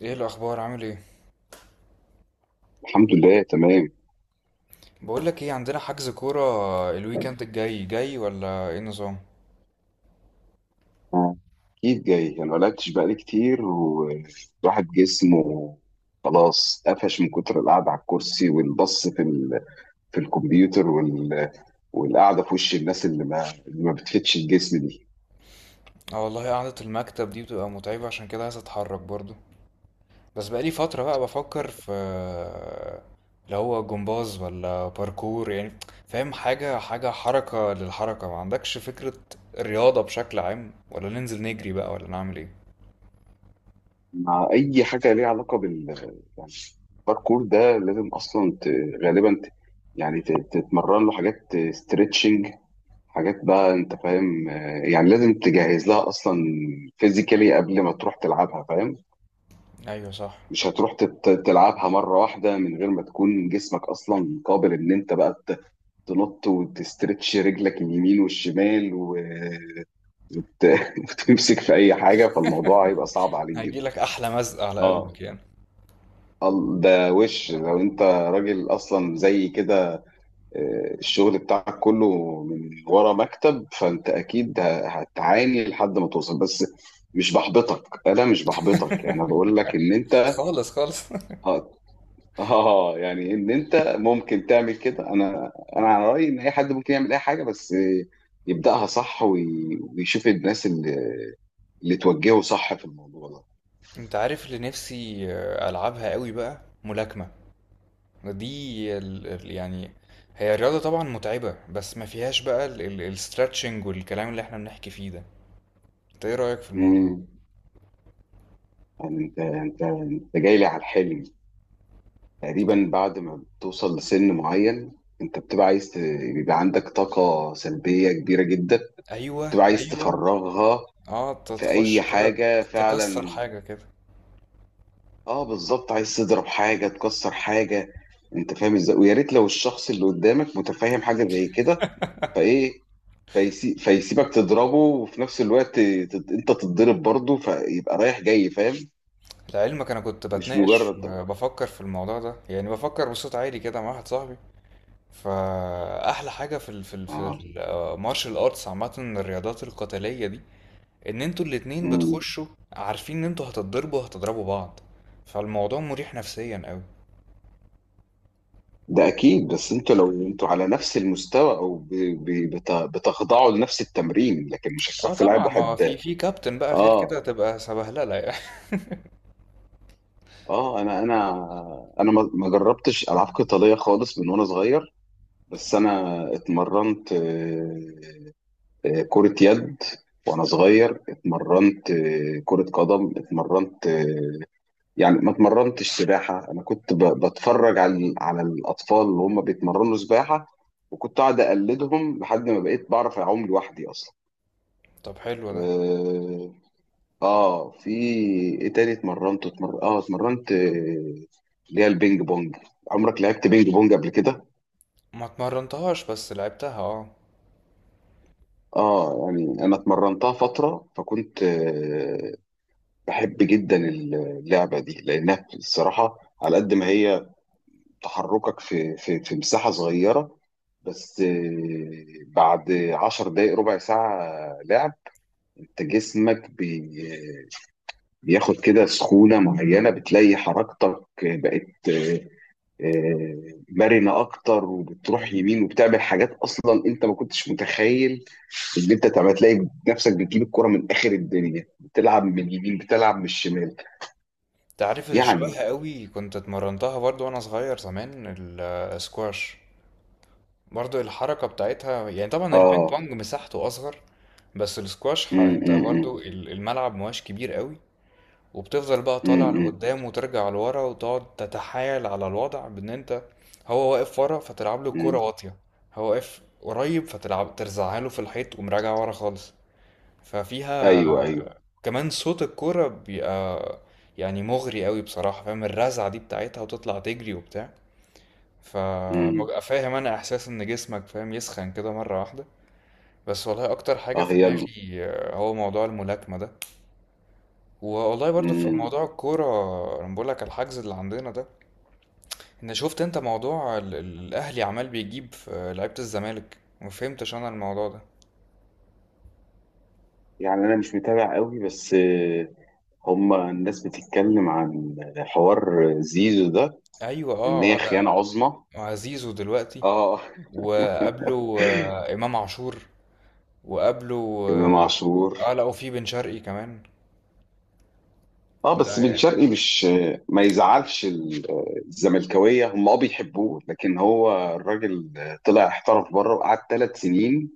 ايه الاخبار؟ عامل ايه؟ الحمد لله تمام. بقول لك ايه، عندنا حجز كوره الويكند الجاي، جاي ولا ايه النظام؟ اكيد جاي، انا ملعبتش بقالي كتير والواحد جسمه خلاص قفش من كتر القعده على الكرسي والبص في الكمبيوتر والقعده في وش الناس اللي ما بتفيدش الجسم دي. اه والله قعده المكتب دي بتبقى متعبه، عشان كده عايز اتحرك برضو. بس بقالي فتره بقى بفكر في اللي هو جمباز ولا باركور يعني، فاهم؟ حاجه حركه للحركه، ما عندكش فكره؟ الرياضه بشكل عام، ولا ننزل نجري بقى، ولا نعمل ايه؟ مع اي حاجه ليها علاقه يعني الباركور ده لازم اصلا غالبا يعني تتمرن له حاجات ستريتشنج، حاجات بقى انت فاهم، يعني لازم تجهز لها اصلا فيزيكالي قبل ما تروح تلعبها، فاهم. ايوه صح. مش هتروح تلعبها مرة واحدة من غير ما تكون جسمك أصلا قابل إن أنت بقى تنط وتسترتش رجلك اليمين والشمال وتمسك في أي حاجة، فالموضوع هيبقى صعب عليك جدا. هيجيلك احلى مزق على قلبك آه. يعني. ده وش لو أنت راجل أصلا زي كده. الشغل بتاعك كله من ورا مكتب، فأنت أكيد هتعاني لحد ما توصل. بس مش بحبطك، أنا مش بحبطك، أنا بقول لك إن أنت خالص خالص. آه، اه، يعني ان انت ممكن تعمل كده. انا على رايي ان اي حد ممكن يعمل اي حاجه، بس يبداها صح ويشوف الناس اللي توجهه صح في الموضوع ده. انت عارف اللي نفسي العبها قوي بقى؟ ملاكمه. دي يعني هي الرياضة طبعا متعبة، بس ما فيهاش بقى الاسترتشنج والكلام اللي احنا بنحكي فيه ده. انت ايه رأيك في الموضوع ده؟ امم يعني انت جاي لي على الحلم. تقريبا بعد ما بتوصل لسن معين، انت بتبقى عايز بيبقى عندك طاقه سلبيه كبيره جدا، ايوه، بتبقى عايز ايوه. تفرغها اه، في اي تخش كده، حاجه تكسر فعلا. حاجة كده. اه، بالظبط، عايز تضرب حاجة تكسر حاجة. انت فاهم ازاي، ويا ريت لو الشخص اللي قدامك متفاهم حاجة زي كده، فايه، فيسيبك تضربه وفي نفس الوقت انت تتضرب برضه، فيبقى رايح جاي، فاهم. لعلمك انا كنت مش بتناقش، مجرد ده. بفكر في الموضوع ده، يعني بفكر بصوت عالي كده مع واحد صاحبي. فاحلى حاجة في ال في ال في اه. المارشال ارتس عامة، الرياضات القتالية دي، ان انتوا الاتنين امم. بتخشوا عارفين ان انتوا هتتضربوا، هتضربوا بعض. فالموضوع مريح نفسيا قوي. ده اكيد. بس انتوا لو انتوا على نفس المستوى او بتخضعوا لنفس التمرين، لكن مش اه هتروح تلعب طبعا، ما واحد. في كابتن بقى غير كده اه، تبقى سبهلله يعني. اه، انا ما جربتش العاب قتالية خالص من وانا صغير. بس انا اتمرنت كرة يد، وانا صغير اتمرنت كرة قدم، اتمرنت يعني ما اتمرنتش سباحة. انا كنت بتفرج على الاطفال اللي هم بيتمرنوا سباحة، وكنت قاعد اقلدهم لحد ما بقيت بعرف اعوم لوحدي اصلا. طب حلو ده. اه. في ايه تاني اتمرنت؟ اتمرنت اللي هي البينج بونج. عمرك لعبت بينج بونج قبل كده؟ ما اتمرنتهاش، بس لعبتها، اه. اه، يعني انا اتمرنتها فتره، فكنت بحب جدا اللعبه دي، لانها الصراحه على قد ما هي تحركك في مساحه صغيره، بس بعد 10 دقايق ربع ساعه لعب، انت جسمك بياخد كده سخونه معينه، بتلاقي حركتك بقت مرنه اكتر، وبتروح مم. يمين وبتعمل حاجات اصلا انت ما كنتش متخيل اللي انت تعمل. تلاقي نفسك بتجيب الكرة من اخر الدنيا، بتلعب من اليمين بتلعب من الشمال. انت عارف اللي يعني. شبهها قوي كنت اتمرنتها برضو وانا صغير زمان؟ السكواش. برضو الحركه بتاعتها، يعني طبعا البينج اه. بونج مساحته اصغر، بس السكواش، امم. انت برضو امم. الملعب مواش كبير قوي. وبتفضل بقى طالع امم. لقدام وترجع لورا، وتقعد تتحايل على الوضع بان انت، هو واقف ورا فتلعب له الكوره امم. واطيه، هو واقف قريب فتلعب ترزعها له في الحيط ومراجع ورا خالص. ففيها ايوه، ايوه. كمان صوت الكوره بيبقى يعني مغري قوي بصراحه، فاهم؟ الرزعه دي بتاعتها، وتطلع تجري وبتاع. امم. فببقى فاهم انا، احساس ان جسمك فاهم يسخن كده مره واحده. بس والله اكتر حاجه اه. في يلا. دماغي هو موضوع الملاكمه ده. والله برضو في امم. موضوع الكوره. انا بقول لك الحجز اللي عندنا ده. انا شفت انت، موضوع الاهلي عمال بيجيب في لعيبة الزمالك، ما فهمتش انا الموضوع ده. يعني انا مش متابع قوي، بس هما الناس بتتكلم عن حوار زيزو ده ايوه، ان اه اه، هي خيانة عظمى. ده زيزو دلوقتي، اه، وقبله امام عاشور، وقبله امام عاشور. اه، لا وفي بن شرقي كمان. اه، ده بس بن هي، شرقي مش. ما يزعلش الزملكاويه، هم بيحبوه، لكن هو الراجل طلع احترف بره وقعد 3 سنين،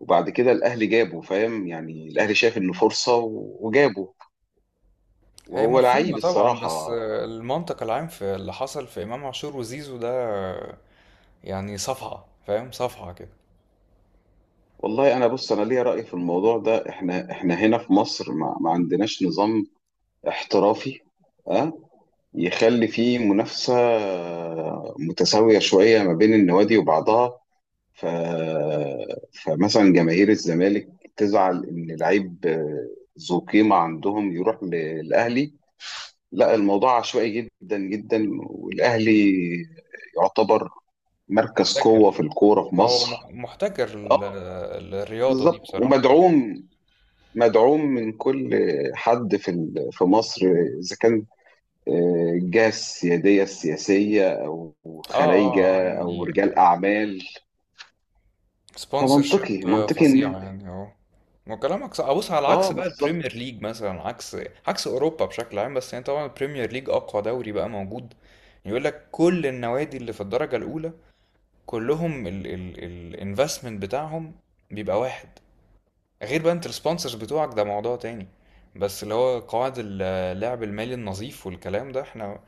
وبعد كده الاهلي جابه. فاهم يعني الاهلي شاف انه فرصه وجابه، هي وهو لعيب مفهومة طبعا، بس الصراحه. المنطق العام في اللي حصل في امام عاشور وزيزو ده يعني صفعة، فاهم؟ صفعة كده. والله انا بص، انا ليا راي في الموضوع ده. احنا هنا في مصر ما عندناش نظام احترافي اه يخلي فيه منافسه متساويه شويه ما بين النوادي وبعضها. ف... فمثلا جماهير الزمالك تزعل ان لعيب ذو قيمه عندهم يروح للاهلي. لا، الموضوع عشوائي جدا جدا، والاهلي يعتبر مركز قوه في محتكر، الكوره في هو مصر. محتكر اه، الرياضة دي بالظبط. بصراحة. مدعوم من كل حد في مصر، اذا كان الجهه السياديه السياسيه او اه اه اه، خلايجه او يعني رجال اعمال. سبونسر شيب فمنطقي فظيعة ان. يعني، اه. وكلامك صح. بص، على اه، عكس بقى البريمير بالظبط. ليج مثلا، عكس عكس اوروبا بشكل عام، بس يعني طبعا البريمير ليج اقوى دوري بقى موجود. يقول لك كل النوادي اللي في الدرجة الاولى، كلهم الانفستمنت بتاعهم بيبقى واحد. غير بقى انت السبونسرز بتوعك ده موضوع تاني. بس اللي هو قواعد اللعب المالي النظيف والكلام ده، احنا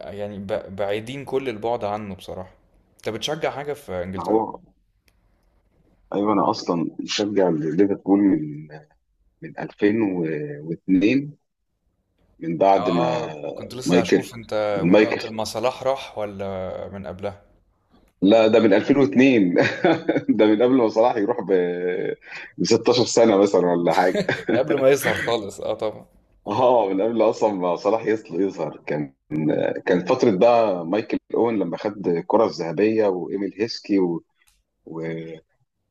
يعني بعيدين كل البعد عنه بصراحة. انت بتشجع حاجة في ما انجلترا؟ هو، ايوه، انا اصلا مشجع ليفربول من 2002، من بعد ما اه، كنت لسه مايكل. هشوف انت من من وقت مايكل ما صلاح راح ولا من قبلها. لا، ده من 2002. ده من قبل ما صلاح يروح ب 16 سنه مثلا ولا حاجه. من قبل ما يظهر خالص، اه طبعا. اه، من قبل اصلا ما صلاح يظهر. كان فتره بقى مايكل اوين لما خد الكره الذهبيه وايميل هيسكي و...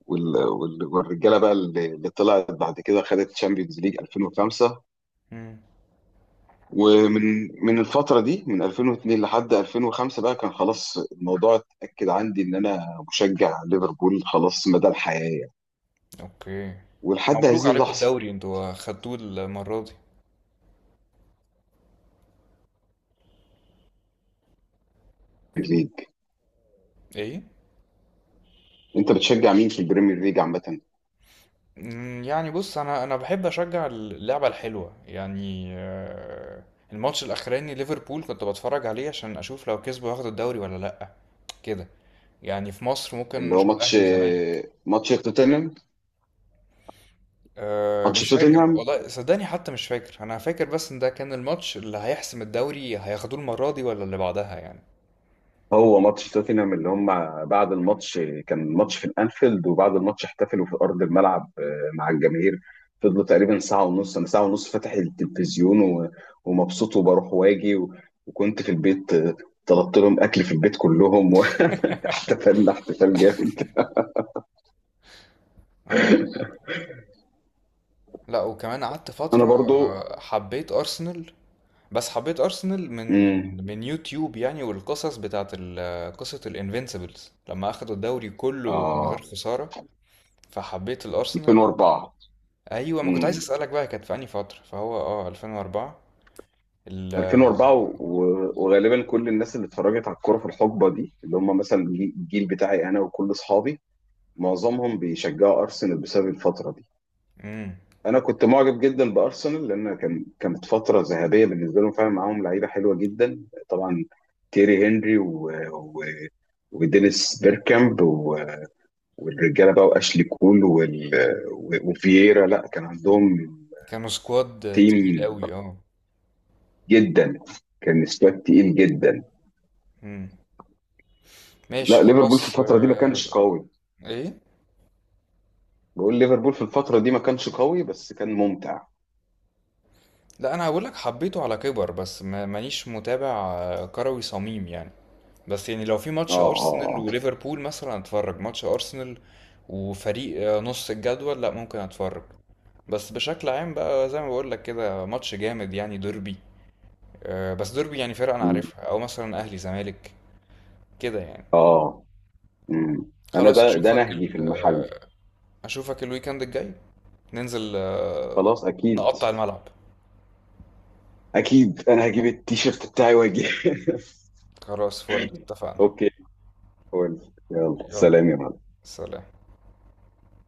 والرجاله بقى اللي طلعت بعد كده خدت تشامبيونز ليج 2005. مم. ومن الفترة دي من 2002 لحد 2005 بقى كان خلاص الموضوع اتأكد عندي إن أنا مشجع ليفربول، خلاص مدى الحياة يعني. اوكي. ولحد مبروك هذه عليكم اللحظة. الدوري، انتوا خدتوه المرة دي. في الليج. ايه؟ أنت بتشجع مين في البريمير ليج عامة؟ مم، يعني بص، انا بحب اشجع اللعبة الحلوة يعني. الماتش الاخراني ليفربول كنت بتفرج عليه عشان اشوف لو كسبوا ياخدوا الدوري ولا لا، كده يعني. في مصر ممكن اللي هو نشوف ماتش. اهلي وزمالك. ماتش توتنهام أه ماتش مش فاكر توتنهام. والله، صدقني حتى مش فاكر. انا فاكر بس ان ده كان الماتش اللي هيحسم الدوري، هياخدوه المرة دي ولا اللي بعدها يعني. هو ماتش توتنهام اللي هم، بعد الماتش كان ماتش في الانفيلد، وبعد الماتش احتفلوا في ارض الملعب مع الجماهير، فضلوا تقريبا ساعه ونص. انا ساعه ونص فاتح التلفزيون ومبسوط وبروح واجي وكنت في البيت طلبت لهم اكل في البيت كلهم، واحتفلنا احتفال جامد. اه. لا وكمان قعدت انا فترة برضو. حبيت ارسنال. بس حبيت ارسنال من امم. من يوتيوب يعني، والقصص بتاعت قصة الانفينسيبلز لما اخدوا الدوري كله من غير اه. خسارة، فحبيت الارسنال. 2004. ايوه، ما كنت عايز امم. اسالك بقى كانت في انهي فترة، فهو اه 2004. ال، 2004 وغالبا كل الناس اللي اتفرجت على الكوره في الحقبه دي، اللي هم مثلا الجيل بتاعي انا وكل اصحابي، معظمهم بيشجعوا ارسنال بسبب الفتره دي. امم، انا كنت معجب جدا بارسنال، لان كانت فتره ذهبيه بالنسبه لهم فعلا. معاهم لعيبه حلوه جدا طبعا، تيري هنري ودينيس بيركامب والرجاله بقى واشلي كول وفييرا. لا، كان عندهم كانوا سكواد تيم تقيل قوي، اه. جدا، كان سكواد تقيل جدا. امم، ماشي لا، ليفربول في خلاص. الفتره دي ما كانش قوي. ايه؟ بقول ليفربول في الفتره دي ما كانش قوي، بس كان ممتع. لا انا هقول لك حبيته على كبر، بس مانيش متابع كروي صميم يعني. بس يعني لو في اه، ماتش ارسنال اه، وليفربول مثلا اتفرج ماتش ارسنال، وفريق نص الجدول لا ممكن اتفرج. بس بشكل عام بقى، زي ما بقول لك كده، ماتش جامد يعني، ديربي. بس ديربي يعني فرقة انا عارفها، او مثلا اهلي زمالك كده يعني. اه، آه. مم. انا خلاص ده اشوفك نهجي في ال المحل. آه، اشوفك الويكند الجاي. ننزل خلاص اكيد. نقطع الملعب. اكيد انا هجيب التيشيرت بتاعي واجي خلاص فل، اتفقنا. اوكي. قول. يلا، يلا سلام يا معلم. سلام.